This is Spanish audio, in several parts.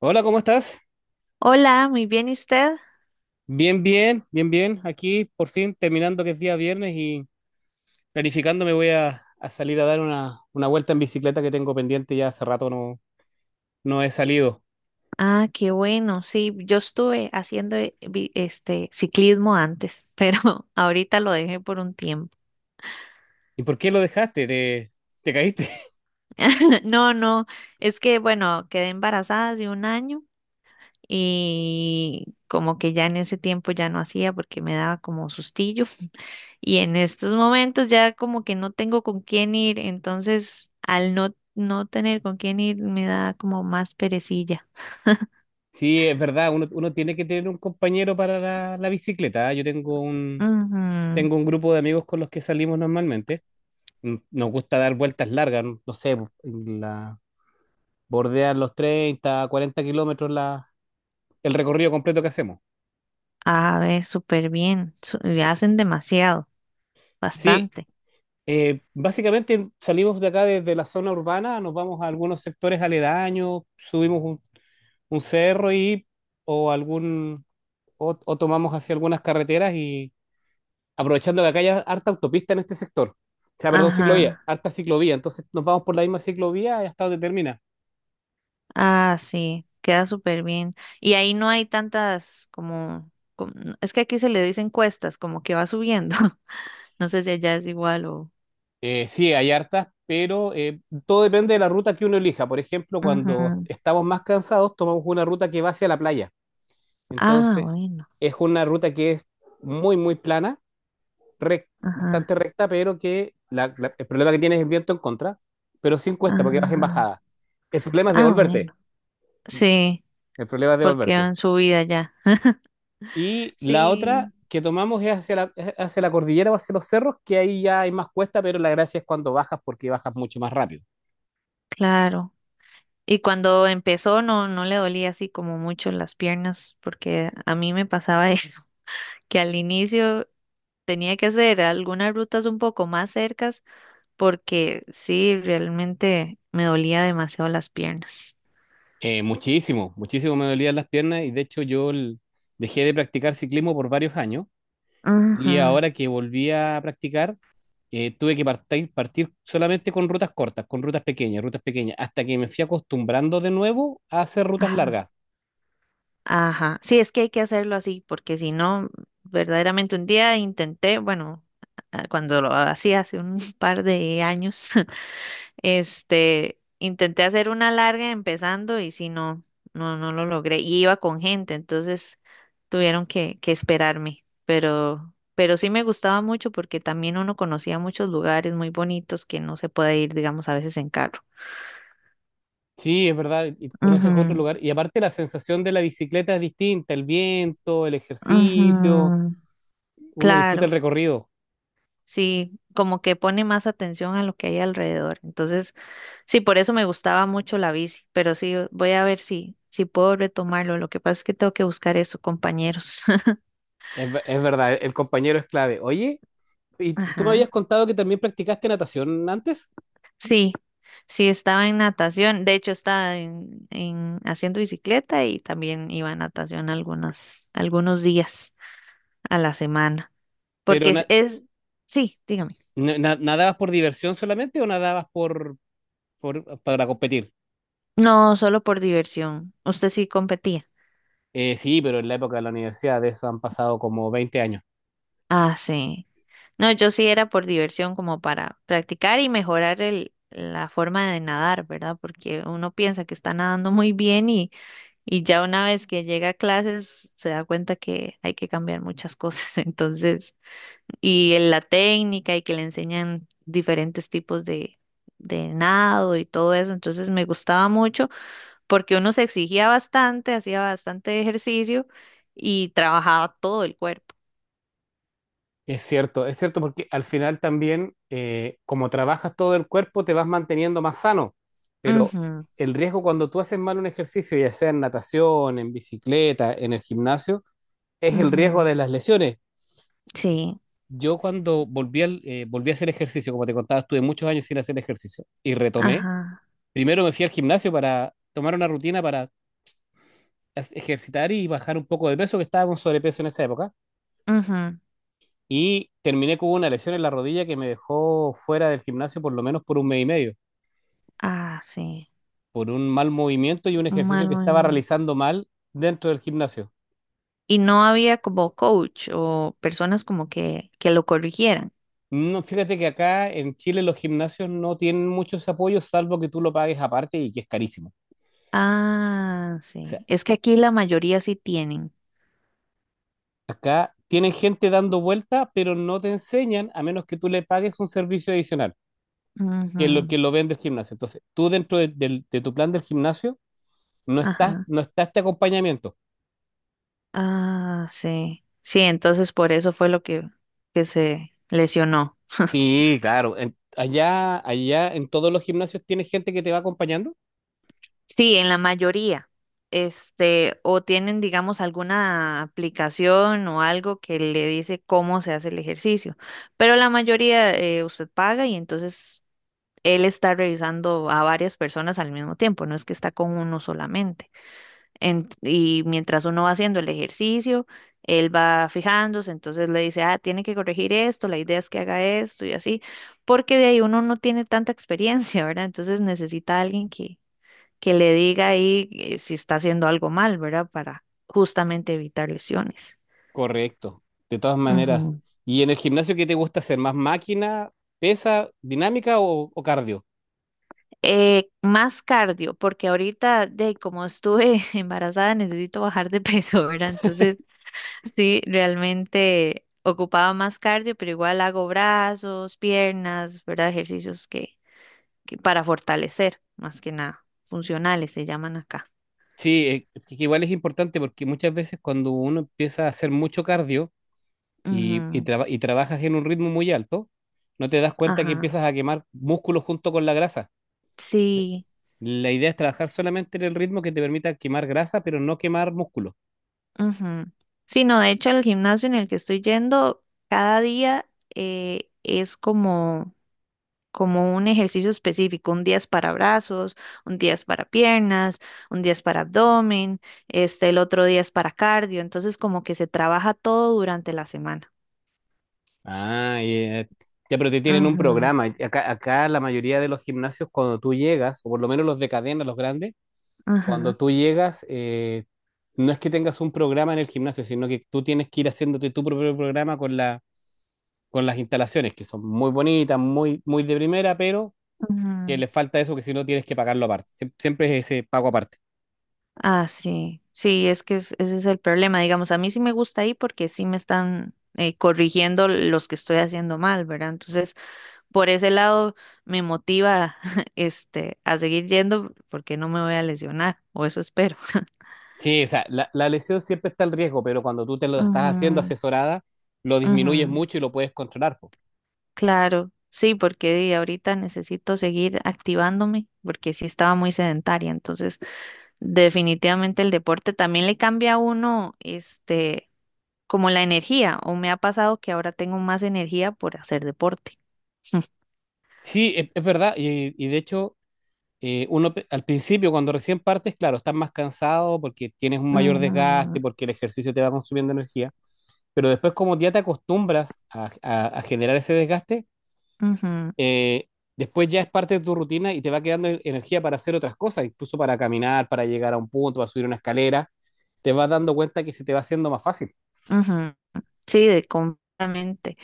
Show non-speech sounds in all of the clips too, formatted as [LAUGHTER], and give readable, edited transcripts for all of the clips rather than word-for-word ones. Hola, ¿cómo estás? Hola, muy bien, ¿y usted? Bien, bien, bien, bien. Aquí por fin terminando que es día viernes y planificando me voy a salir a dar una vuelta en bicicleta que tengo pendiente ya hace rato no he salido. Ah, qué bueno. Sí, yo estuve haciendo este ciclismo antes, pero [LAUGHS] ahorita lo dejé por un tiempo. ¿Y por qué lo dejaste? ¿Te, te caíste? [LAUGHS] [LAUGHS] No, no, es que bueno, quedé embarazada hace un año y como que ya en ese tiempo ya no hacía porque me daba como sustillo [LAUGHS] y en estos momentos ya como que no tengo con quién ir, entonces al no tener con quién ir me da como más perecilla. Sí, es verdad, uno tiene que tener un compañero para la bicicleta, ¿ah? Yo tengo Ujú. tengo un grupo de amigos con los que salimos normalmente. Nos gusta dar vueltas largas, no sé, la, bordear los 30, 40 kilómetros la, el recorrido completo que hacemos. A ver, súper bien. Le hacen demasiado, Sí. bastante. Básicamente salimos de acá desde la zona urbana, nos vamos a algunos sectores aledaños, subimos un cerro y o algún o tomamos hacia algunas carreteras y aprovechando que acá hay harta autopista en este sector. O sea, perdón, Ajá. ciclovía, harta ciclovía. Entonces nos vamos por la misma ciclovía hasta donde termina. Ah, sí, queda súper bien. Y ahí no hay tantas como- es que aquí se le dicen cuestas, como que va subiendo. [LAUGHS] No sé si allá es igual o. Sí, hay hartas, pero todo depende de la ruta que uno elija. Por ejemplo, cuando Ajá. estamos más cansados, tomamos una ruta que va hacia la playa. Ah, Entonces, bueno. es una ruta que es muy plana bastante Ajá. recta, pero que el problema que tienes es el viento en contra, pero sin cuesta porque vas en Ajá. bajada. El problema es Ah, devolverte, bueno. Sí, el problema es porque devolverte. en su ya. Y la otra Sí, que tomamos es hacia es hacia la cordillera o hacia los cerros, que ahí ya hay más cuesta, pero la gracia es cuando bajas porque bajas mucho más rápido. claro. Y cuando empezó no le dolía así como mucho las piernas, porque a mí me pasaba [LAUGHS] eso. Que al inicio tenía que hacer algunas rutas un poco más cercas porque sí, realmente me dolía demasiado las piernas. Muchísimo me dolían las piernas y de hecho dejé de practicar ciclismo por varios años. Y Ajá, ahora que volví a practicar, tuve que partir solamente con rutas cortas, con rutas pequeñas, hasta que me fui acostumbrando de nuevo a hacer rutas ajá, largas. ajá. Sí, es que hay que hacerlo así porque si no, verdaderamente un día intenté, bueno, cuando lo hacía hace un [LAUGHS] par de años, [LAUGHS] este, intenté hacer una larga empezando y si no, no lo logré. Y iba con gente, entonces tuvieron que esperarme. Pero sí me gustaba mucho porque también uno conocía muchos lugares muy bonitos que no se puede ir, digamos, a veces en carro. Sí, es verdad, y conoces otro Ujú, lugar. Y aparte la sensación de la bicicleta es distinta, el viento, el ejercicio, ujú, uno disfruta el claro. recorrido. Sí, como que pone más atención a lo que hay alrededor. Entonces, sí, por eso me gustaba mucho la bici, pero sí, voy a ver si puedo retomarlo. Lo que pasa es que tengo que buscar eso, compañeros. Es, es verdad, el compañero es clave. Oye, y [LAUGHS] tú me habías Ajá. contado que también practicaste natación antes, Sí, sí, estaba en natación. De hecho, estaba en haciendo bicicleta y también iba a natación algunos días a la semana. pero Porque sí, dígame. ¿Nadabas por diversión solamente o nadabas para competir? No, solo por diversión. Usted sí competía. Sí, pero en la época de la universidad, de eso han pasado como 20 años. Ah, sí. No, yo sí era por diversión, como para practicar y mejorar la forma de nadar, ¿verdad? Porque uno piensa que está nadando muy bien y ya una vez que llega a clases se da cuenta que hay que cambiar muchas cosas. [LAUGHS] Entonces, y en la técnica y que le enseñan diferentes tipos de nado y todo eso. Entonces me gustaba mucho porque uno se exigía bastante, hacía bastante ejercicio y trabajaba todo el cuerpo. Es cierto, es cierto, porque al final también, como trabajas todo el cuerpo, te vas manteniendo más sano, pero Ujú, el riesgo cuando tú haces mal un ejercicio, ya sea en natación, en bicicleta, en el gimnasio, es el riesgo ujú. de las lesiones. Sí, Yo cuando volví a hacer ejercicio, como te contaba, estuve muchos años sin hacer ejercicio y retomé. ajá, Primero me fui al gimnasio para tomar una rutina para ejercitar y bajar un poco de peso, que estaba con sobrepeso en esa época. ujú. Y terminé con una lesión en la rodilla que me dejó fuera del gimnasio por lo menos por un mes y medio, Ah, sí. por un mal movimiento y un Un ejercicio mal que estaba movimiento. realizando mal dentro del gimnasio. Y no había como coach o personas como que lo corrigieran. No, fíjate que acá en Chile los gimnasios no tienen muchos apoyos, salvo que tú lo pagues aparte y que es carísimo. Ah, O sea, sí. Es que aquí la mayoría sí tienen. acá tienen gente dando vuelta, pero no te enseñan a menos que tú le pagues un servicio adicional, que es lo Ujú, que lo vende el gimnasio. Entonces, tú dentro de tu plan del gimnasio ajá. no está este acompañamiento. Ah, sí. Sí, entonces por eso fue lo que se lesionó. Sí, claro. Allá, en todos los gimnasios tienes gente que te va acompañando. Sí, en la mayoría. Este, o tienen, digamos, alguna aplicación o algo que le dice cómo se hace el ejercicio. Pero la mayoría usted paga y entonces él está revisando a varias personas al mismo tiempo, no es que está con uno solamente. Y mientras uno va haciendo el ejercicio, él va fijándose, entonces le dice, ah, tiene que corregir esto, la idea es que haga esto y así, porque de ahí uno no tiene tanta experiencia, [LAUGHS] ¿verdad? Entonces necesita a alguien que le diga ahí si está haciendo algo mal, ¿verdad? Para justamente evitar lesiones. Correcto, de todas maneras. Ujú. ¿Y en el gimnasio qué te gusta hacer? ¿Más máquina, pesa, dinámica o cardio? Más cardio, porque ahorita, de como estuve [LAUGHS] embarazada, necesito bajar de peso, ¿verdad? Entonces, sí, realmente ocupaba más cardio, pero igual hago brazos, piernas, ¿verdad? Ejercicios que para fortalecer, más que nada, funcionales se llaman acá. Sí, es que igual es importante porque muchas veces cuando uno empieza a hacer mucho cardio y, y Ujú. traba- y trabajas en un ritmo muy alto, no te das cuenta que Ajá. empiezas a quemar músculos junto con la grasa. Sí. La idea es trabajar solamente en el ritmo que te permita quemar grasa, pero no quemar músculo. Ujú. Sí, no, de hecho el gimnasio en el que estoy yendo cada día es como un ejercicio específico. Un día es para brazos, un día es para piernas, un día es para abdomen, este, el otro día es para cardio. Entonces como que se trabaja todo durante la semana. Ah, y, eh, ya, pero te tienen un Ujú, programa. Acá la mayoría de los gimnasios, cuando tú llegas, o por lo menos los de cadena, los grandes, cuando ajá, tú llegas, no es que tengas un programa en el gimnasio, sino que tú tienes que ir haciéndote tu propio programa con la, con las instalaciones, que son muy bonitas, muy de primera, pero que ujú. le falta eso, que si no tienes que pagarlo aparte. Siempre es ese pago aparte. Ah, sí, sí, es que ese es el problema. Digamos, a mí sí me gusta ahí porque sí me están corrigiendo los que estoy haciendo mal, ¿verdad? Entonces... por ese lado me motiva [LAUGHS] este a seguir yendo porque no me voy a lesionar, o eso espero. Sí, o sea, la lesión siempre está el riesgo, pero cuando tú te lo estás haciendo Ujú, asesorada, lo disminuyes ujú, mucho y lo puedes controlar. claro, sí, porque di, ahorita necesito seguir activándome porque sí estaba muy sedentaria, entonces definitivamente el deporte también le cambia a uno este como la energía, o me ha pasado que ahora tengo más energía por hacer deporte. [LAUGHS] Sí, es verdad. Y de hecho, al principio, cuando recién partes, claro, estás más cansado porque tienes un mayor Ujú, desgaste, porque el ejercicio te va consumiendo energía. Pero después, como ya te acostumbras a generar ese desgaste, ujú, eh, después ya es parte de tu rutina y te va quedando energía para hacer otras cosas, incluso para caminar, para llegar a un punto, para subir una escalera. Te vas dando cuenta que se te va haciendo más fácil. ujú. Sí, de completamente.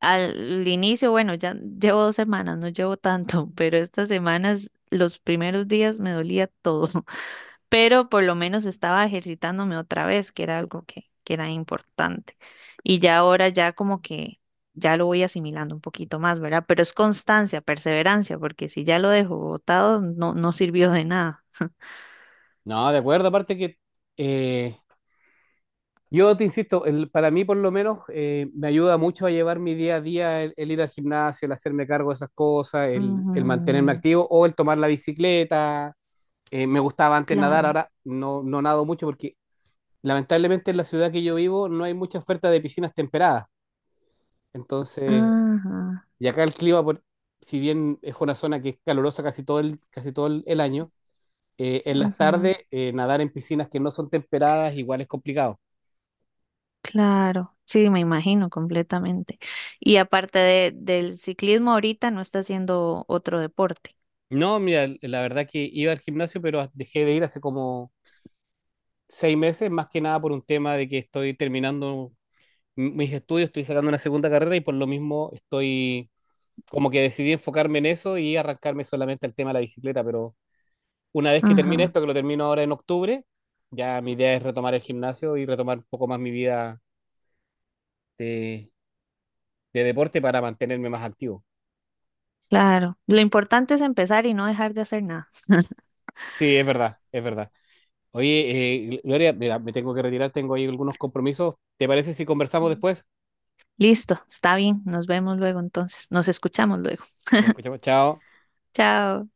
Al inicio, bueno, ya llevo dos semanas, no llevo tanto, [LAUGHS] pero estas semanas, los primeros días me dolía todo, [LAUGHS] pero por lo menos estaba ejercitándome otra vez, que era algo que era importante. Y ya ahora ya como que ya lo voy asimilando un poquito más, ¿verdad? Pero es constancia, perseverancia, porque si ya lo dejo botado, no, no sirvió de nada. No, de acuerdo, aparte que eh, yo te insisto, para mí por lo menos, me ayuda mucho a llevar mi día a día el ir al gimnasio, el hacerme cargo de esas cosas, [LAUGHS] el mantenerme Ujú, activo o el tomar la bicicleta. Me gustaba antes nadar, claro. ahora no nado mucho porque lamentablemente en la ciudad que yo vivo no hay mucha oferta de piscinas temperadas. Entonces, Ajá, y acá el clima, si bien es una zona que es calurosa casi todo casi todo el año, en las ujú. tardes, nadar en piscinas que no son temperadas igual es complicado. Claro, sí, me imagino completamente. Y aparte del ciclismo, ahorita no está haciendo otro deporte. No, mira, la verdad que iba al gimnasio, pero dejé de ir hace como 6 meses, más que nada por un tema de que estoy terminando mis estudios, estoy sacando una segunda carrera y por lo mismo estoy como que decidí enfocarme en eso y arrancarme solamente al tema de la bicicleta, pero una vez que termine Ajá, esto, que lo termino ahora en octubre, ya mi idea es retomar el gimnasio y retomar un poco más mi vida de, de deporte para mantenerme más activo. claro. Lo importante es empezar y no dejar de hacer nada. Sí, es verdad, es verdad. Oye, Gloria, mira, me tengo que retirar, tengo ahí algunos compromisos. ¿Te parece si conversamos después? Listo, está bien. Nos vemos luego entonces. Nos escuchamos luego. Nos escuchamos. Chao. Chao.